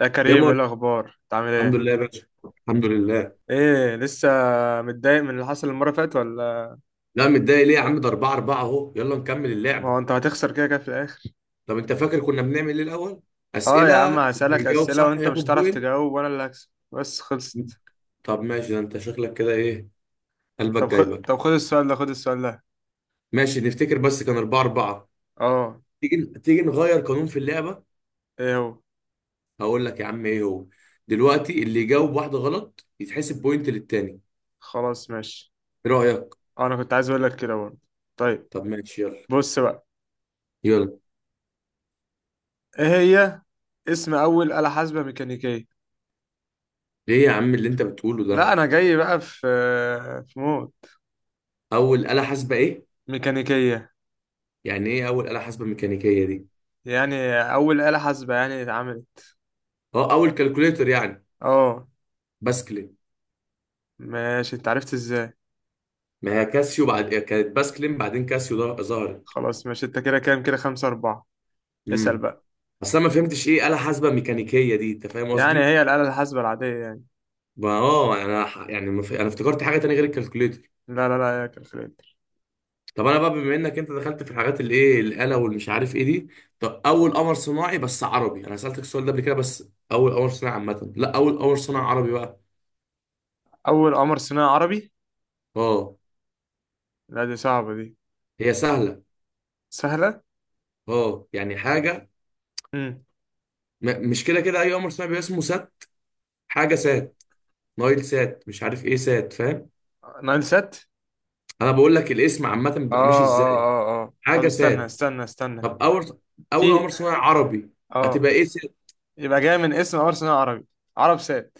يا يا كريم ايه مول، الاخبار؟ انت عامل الحمد ايه؟ لله يا باشا. الحمد لله. ايه لسه متضايق من اللي حصل المره اللي فاتت ولا؟ لا، متضايق ليه يا عم؟ ده 4 4 اهو، يلا نكمل ما هو اللعبه. انت هتخسر كده كده في الاخر. طب انت فاكر كنا بنعمل ايه الاول؟ اه يا اسئله، عم اللي هسألك يجاوب اسئله صح وانت مش ياخد هتعرف بوينت. تجاوب وانا اللي هكسب. بس خلصت. طب ماشي، ده انت شكلك كده، ايه قلبك طب خد، جايبك. طب خد السؤال ده خد السؤال ده. ماشي، نفتكر بس كان 4 4. اه. تيجي تيجي نغير قانون في اللعبه. ايه هو؟ هقول لك يا عم ايه هو. دلوقتي اللي يجاوب واحده غلط يتحسب بوينت للتاني. خلاص ماشي. ايه رايك؟ انا كنت عايز اقول لك كده برضه. طيب. طب ماشي، يلا بص بقى. يلا. ايه هي؟ اسم اول آلة حاسبة ميكانيكية. ايه يا عم اللي انت بتقوله لا ده؟ انا جاي بقى في، في مود. اول آلة حاسبة ايه؟ ميكانيكية. يعني ايه اول آلة حاسبة ميكانيكية دي؟ يعني اول آلة حاسبة يعني اتعملت. اه، اول كالكوليتر يعني. اه. باسكلين. ماشي، انت عرفت ازاي؟ ما هي كاسيو، بعد كانت باسكلين بعدين كاسيو ده ظهرت. خلاص ماشي، انت كده كام؟ كده خمسة أربعة. اسأل امم. بقى. بس انا ما فهمتش ايه آلة حاسبة ميكانيكية دي، انت فاهم يعني قصدي؟ هي الآلة الحاسبة العادية يعني. ما- اه انا ح- يعني ما ف- انا افتكرت حاجة تانية غير الكالكوليتر. لا يا كالكوليتر. طب انا بقى بما انك انت دخلت في الحاجات اللي ايه الآلة والمش عارف ايه دي. طب اول قمر صناعي بس عربي، انا سألتك السؤال ده قبل كده، بس اول قمر صناعي عامة، لا، اول قمر صناعي عربي بقى. أول قمر صناعي عربي. اه، لا دي صعبة دي. هي سهلة. سهلة. اه يعني حاجة. امم. مش كده كده اي قمر صناعي بيبقى اسمه سات. حاجة سات، نايل سات، مش عارف ايه سات، فاهم؟ نايل سات. انا بقول لك الاسم عامه اه بيبقى ماشي اه ازاي. اه اه طب حاجه سات. استنى طب اول في. قمر صناعي عربي، اه. هتبقى ايه سات؟ يبقى جاي من اسم قمر صناعي عربي. عرب سات.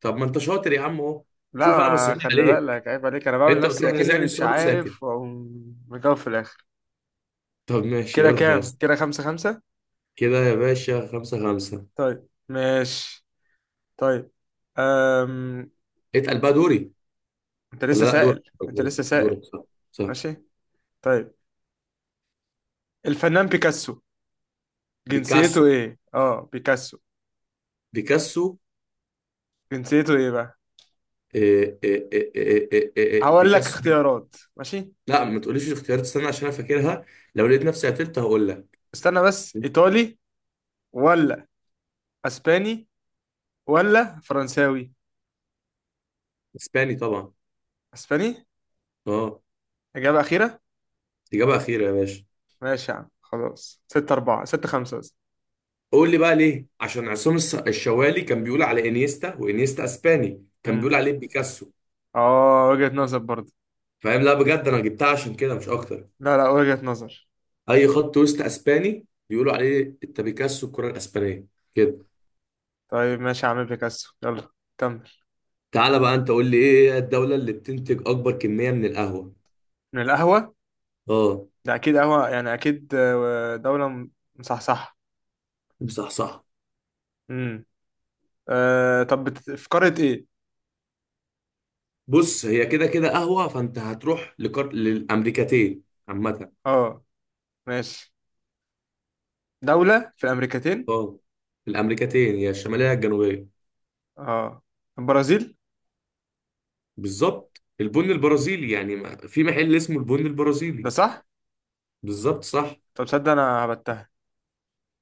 طب ما انت شاطر يا عم اهو. لا شوف، انا ما بسهل خلي عليك، بالك، عيب عليك. أنا بعمل انت نفسي بتروح أكني لازعني مش السؤال وساكت. عارف وأقوم مجاوب في الآخر. طب ماشي كده يلا يا كام؟ اسطى. كده خمسة خمسة. كده يا باشا، خمسة خمسة. طيب ماشي. طيب. أم... اتقل بقى، دوري. انت ولا لسه لا، دورك، سائل؟ طب انت دورك لسه سائل. دورك صح، صح. ماشي. طيب. الفنان بيكاسو، بيكاسو جنسيته ايه؟ اه بيكاسو، بيكاسو. جنسيته ايه بقى؟ إيه إيه إيه إيه إيه إيه هقول لك بيكاسو اختيارات، ماشي. لا، ما تقوليش الاختيارات، استنى عشان انا فاكرها. لو لقيت نفسي قتلت هقول لك. استنى بس، ايطالي ولا اسباني ولا فرنساوي؟ اسباني طبعا. اسباني. اه، اجابة اخيرة؟ اجابه اخيره يا باشا. ماشي يا عم خلاص، ستة أربعة، ستة خمسة قصدي. قول لي بقى ليه، عشان عصام الشوالي كان بيقول على انيستا، وانيستا اسباني كان امم. بيقول عليه بيكاسو. اه، وجهة نظر برضه. فاهم؟ لا بجد انا جبتها عشان كده مش اكتر. لا لا، وجهة نظر. اي خط وسط اسباني بيقولوا عليه انت بيكاسو، الكره الاسبانيه كده. طيب ماشي يا عم، بيكاسو. يلا كمل. تعالى بقى انت قول لي، ايه هي الدوله اللي بتنتج اكبر كميه من القهوه؟ من القهوة. اه، ده اكيد قهوة يعني، اكيد دولة م-، مصحصحة. صح صح. امم. آه طب بت... في قارة ايه؟ بص، هي كده كده قهوه، فانت هتروح للامريكتين عامه. اه. ماشي. دولة في الامريكتين. اه. الامريكتين، هي الشماليه يا الجنوبيه؟ اه. البرازيل. بالظبط، البن البرازيلي يعني، في محل اسمه البن ده البرازيلي. صح؟ بالظبط صح. طب تصدق انا هبتها.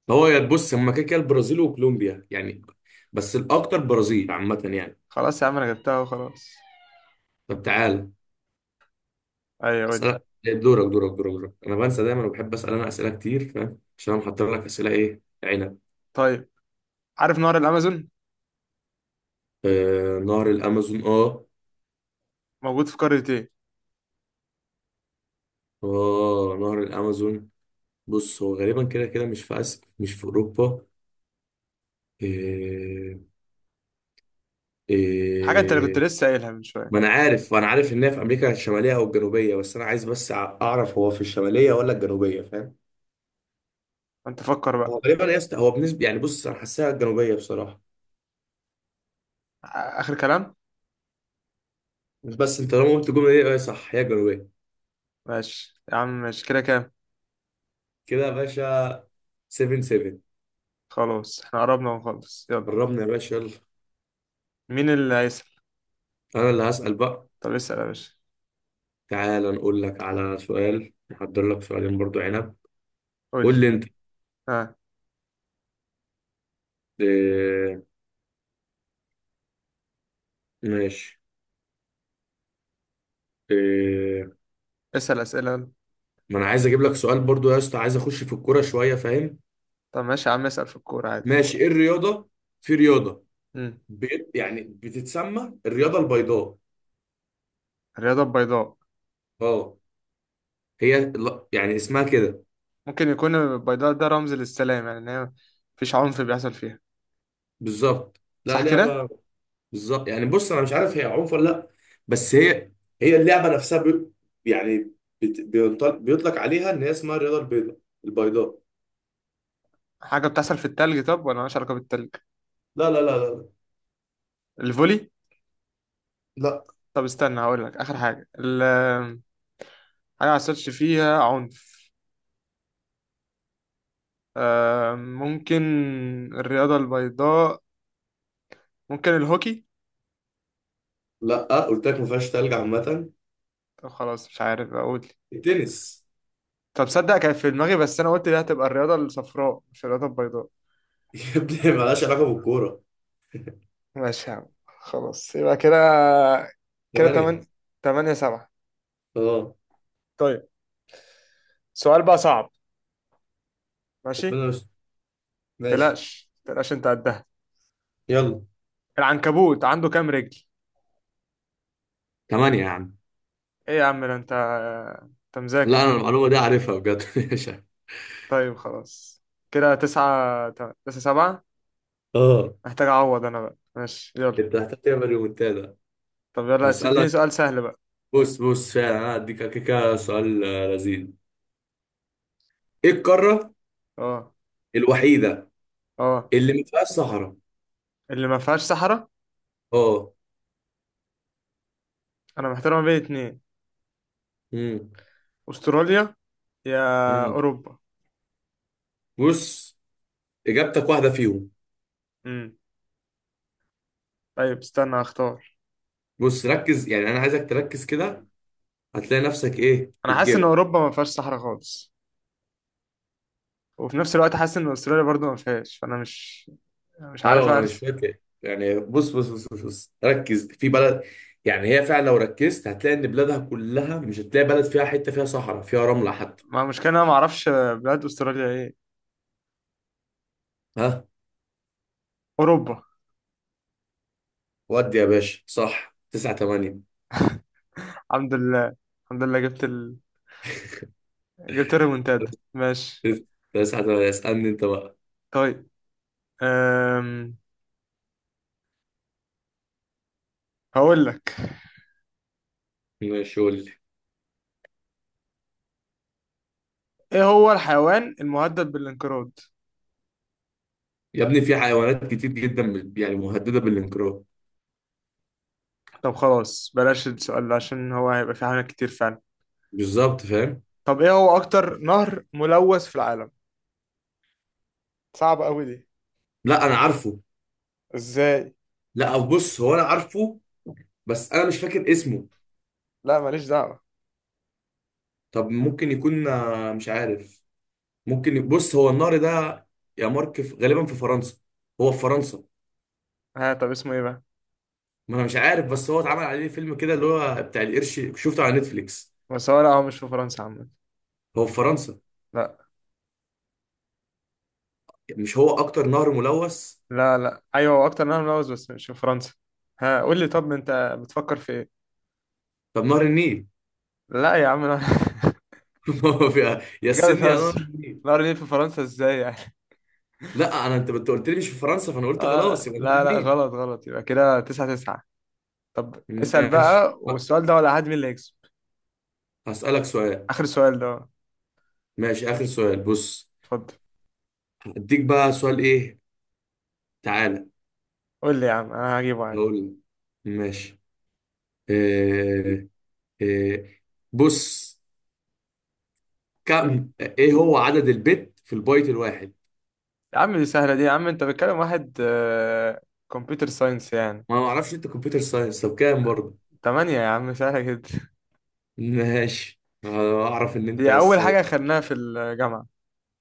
هو يا تبص هما كده كده البرازيل وكولومبيا يعني. بس الاكتر برازيل عامه يعني. خلاص يا عم، انا جبتها وخلاص. طب تعال. ايوه قول. اسالك دورك. انا بنسى دايما وبحب اسال، انا اسئله كتير فاهم، عشان انا محضر لك اسئله، ايه عنب. طيب، عارف نهر الامازون؟ آه، نهر الامازون. اه موجود في قارة ايه؟ اه، نهر الامازون. بص، هو غالبا كده كده مش في اسيا، مش في اوروبا. إيه حاجة انت اللي كنت إيه لسه قايلها من شوية. ما انا عارف، انا عارف ان هي في امريكا الشماليه او الجنوبيه، بس انا عايز بس اعرف هو في الشماليه ولا الجنوبيه، فاهم؟ انت فكر هو بقى. غالبا يا اسطى، هو بالنسبه يعني، بص، انا حاساها الجنوبيه بصراحه. آ-، اخر كلام. مش بس، انت طالما قلت الجمله دي اه صح، هي الجنوبيه. ماشي يا عم، ماشي. كده كام؟ كده يا باشا، 7 7. خلاص احنا قربنا ونخلص، يلا. قربنا يا باشا، يلا. مين اللي هيسأل؟ انا اللي هسال بقى. طب اسأل يا باشا. تعال نقول لك على سؤال، نحضر لك سؤالين برضو، عنب. قول قول لي. لي انت. ها. اه. ماشي. اه. اسأل أسئلة. ما انا عايز اجيب لك سؤال برضو يا اسطى، عايز اخش في الكوره شويه، فاهم؟ طب ماشي يا عم، اسأل في الكورة عادي. ماشي، ايه الرياضه، في رياضه مم. بيت يعني بتتسمى الرياضه البيضاء. الرياضة البيضاء. اه، هي يعني اسمها كده. ممكن يكون البيضاء ده رمز للسلام، يعني إن هي مفيش عنف بيحصل فيها. بالظبط، لا صح كده؟ لعبة. بالظبط يعني، بص، انا مش عارف هي عنف ولا لا. بس هي اللعبه نفسها بي، يعني بيطلق عليها ان هي اسمها الرياضه البيضاء، البيضاء. حاجة بتحصل في التلج؟ طب ولا مالهاش علاقة بالتلج؟ لا لا لا لا الفولي؟ لا طب استنى هقول لك آخر حاجة، ال، حاجة ما حصلش فيها عنف. آه ممكن. الرياضة البيضاء. ممكن الهوكي؟ لا. آه، قلت لك ما فيهاش تلج عامه. طب خلاص مش عارف أقول. التنس. طب صدق، كان في دماغي بس أنا قلت دي هتبقى الرياضة الصفراء مش الرياضة البيضاء. يا ابني مالهاش علاقه بالكوره. ماشي يا عم خلاص، يبقى كده. كده ثمانيه. تمن، تمانية سبعة. اه، طيب. سؤال بقى صعب. ماشي. ربنا مش. ماشي، تلاش انت قدها. يلا. العنكبوت عنده كام رجل؟ ثمانيه يا عم. ايه يا عم، ده انت انت لا انا مذاكر. المعلومه دي عارفها بجد مش عارف. طيب خلاص. كده تسعة تم-، تسعة سبعة. اه. محتاج اعوض انا بقى، ماشي يلا. انت هتحتاج تعمل ريمونتادا. طب يلا، بس اديني هسألك. سؤال سهل بقى. بص فعلا، انا هديك كده سؤال لذيذ. ايه القاره اه. الوحيده اه. اللي ما فيهاش صحراء؟ اللي ما فيهاش صحراء. اه. انا محتار ما بين اتنين. امم. استراليا، يا امم. اوروبا. بص، اجابتك واحده فيهم. امم. طيب استنى اختار. بص ركز، يعني انا عايزك تركز كده. هتلاقي نفسك ايه انا حاسس ان بتجيبها. اوروبا ما فيهاش صحراء خالص، وفي نفس الوقت حاسس ان استراليا برضو ما فيهاش، فانا مش، مش عارف ايوه، انا مش ارسم. فاكر يعني، بص. ركز في بلد. يعني هي فعلا، لو ركزت هتلاقي ان بلادها كلها مش هتلاقي بلد فيها حته فيها صحراء، فيها رمله حتى. ما المشكله إن انا ما اعرفش بلاد استراليا ايه. ها. اوروبا. ودي يا باشا صح، 9 8. الحمد لله. الحمد لله جبت ال...، جبت الريمونتادا، ماشي. 9 8، اسالني انت بقى. طيب. أم... هقول لك. ماشي، قول لي. ايه هو الحيوان المهدد بالانقراض؟ يا ابني في حيوانات كتير جدا يعني مهدده بالانقراض. طب خلاص بلاش السؤال ده، عشان هو هيبقى فيه حاجات كتير فعلا. بالظبط فاهم. طب ايه هو اكتر نهر ملوث في العالم؟ صعب قوي دي. لا انا عارفه. ازاي؟ لا أو بص، هو انا عارفه. بس انا مش فاكر اسمه. لا ماليش دعوة. طب ممكن يكون، مش عارف. ممكن بص، هو النهر ده. يا مارك، غالبا في فرنسا. هو في فرنسا. ها طب اسمه ايه بقى؟ ما انا مش عارف، بس هو اتعمل عليه فيلم كده اللي هو بتاع القرش، شفته على نتفليكس. بس هو، لا هو مش في فرنسا عامة. هو في فرنسا؟ لا مش هو اكتر نهر ملوث؟ لا لا ايوه، هو اكتر منها ملوز بس مش في فرنسا. ها قول لي، طب انت بتفكر في ايه؟ طب نهر النيل. لا يا عم انا هو في- يا انت كده السن يا نهر بتهزر، النيل. نهر النيل في فرنسا ازاي يعني؟ لا، انت قلت لي مش في فرنسا، فانا قلت اه. خلاص يبقى نهر لا لا لا، النيل. غلط غلط، يبقى كده تسعة تسعة. طب اسأل ماشي بقى، بقى. والسؤال ده ولا حد مين اللي هيكسب. هسألك سؤال. اخر سؤال ده. ماشي، آخر سؤال، بص. اتفضل. اديك بقى سؤال ايه. تعالى. قول لي يا عم، انا هجيبه عادي. هقول لك. ماشي. إيه إيه بص مم. ايه هو عدد البت في البايت الواحد؟ يا عم دي سهلة دي، يا عم انت بتكلم واحد كمبيوتر ساينس يعني. ما أنا ما اعرفش، انت كمبيوتر ساينس، طب كام برضه؟ تمانية يا عم، سهلة جدا. ماشي أنا اعرف ان انت، دي اول بس. حاجة خدناها في الجامعة.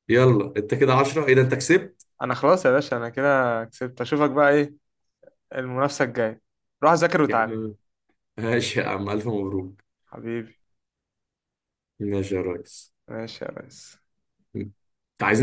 يلا انت كده 10، ايه ده، انت كسبت. انا خلاص يا باشا، انا كده كسبت. اشوفك بقى ايه، المنافسة الجاية. روح ذاكر يا وتعالى. عم. ماشي يا عم، الف مبروك. حبيبي. ماشي يا ريس. ماشي يا ريس. انت عايزين.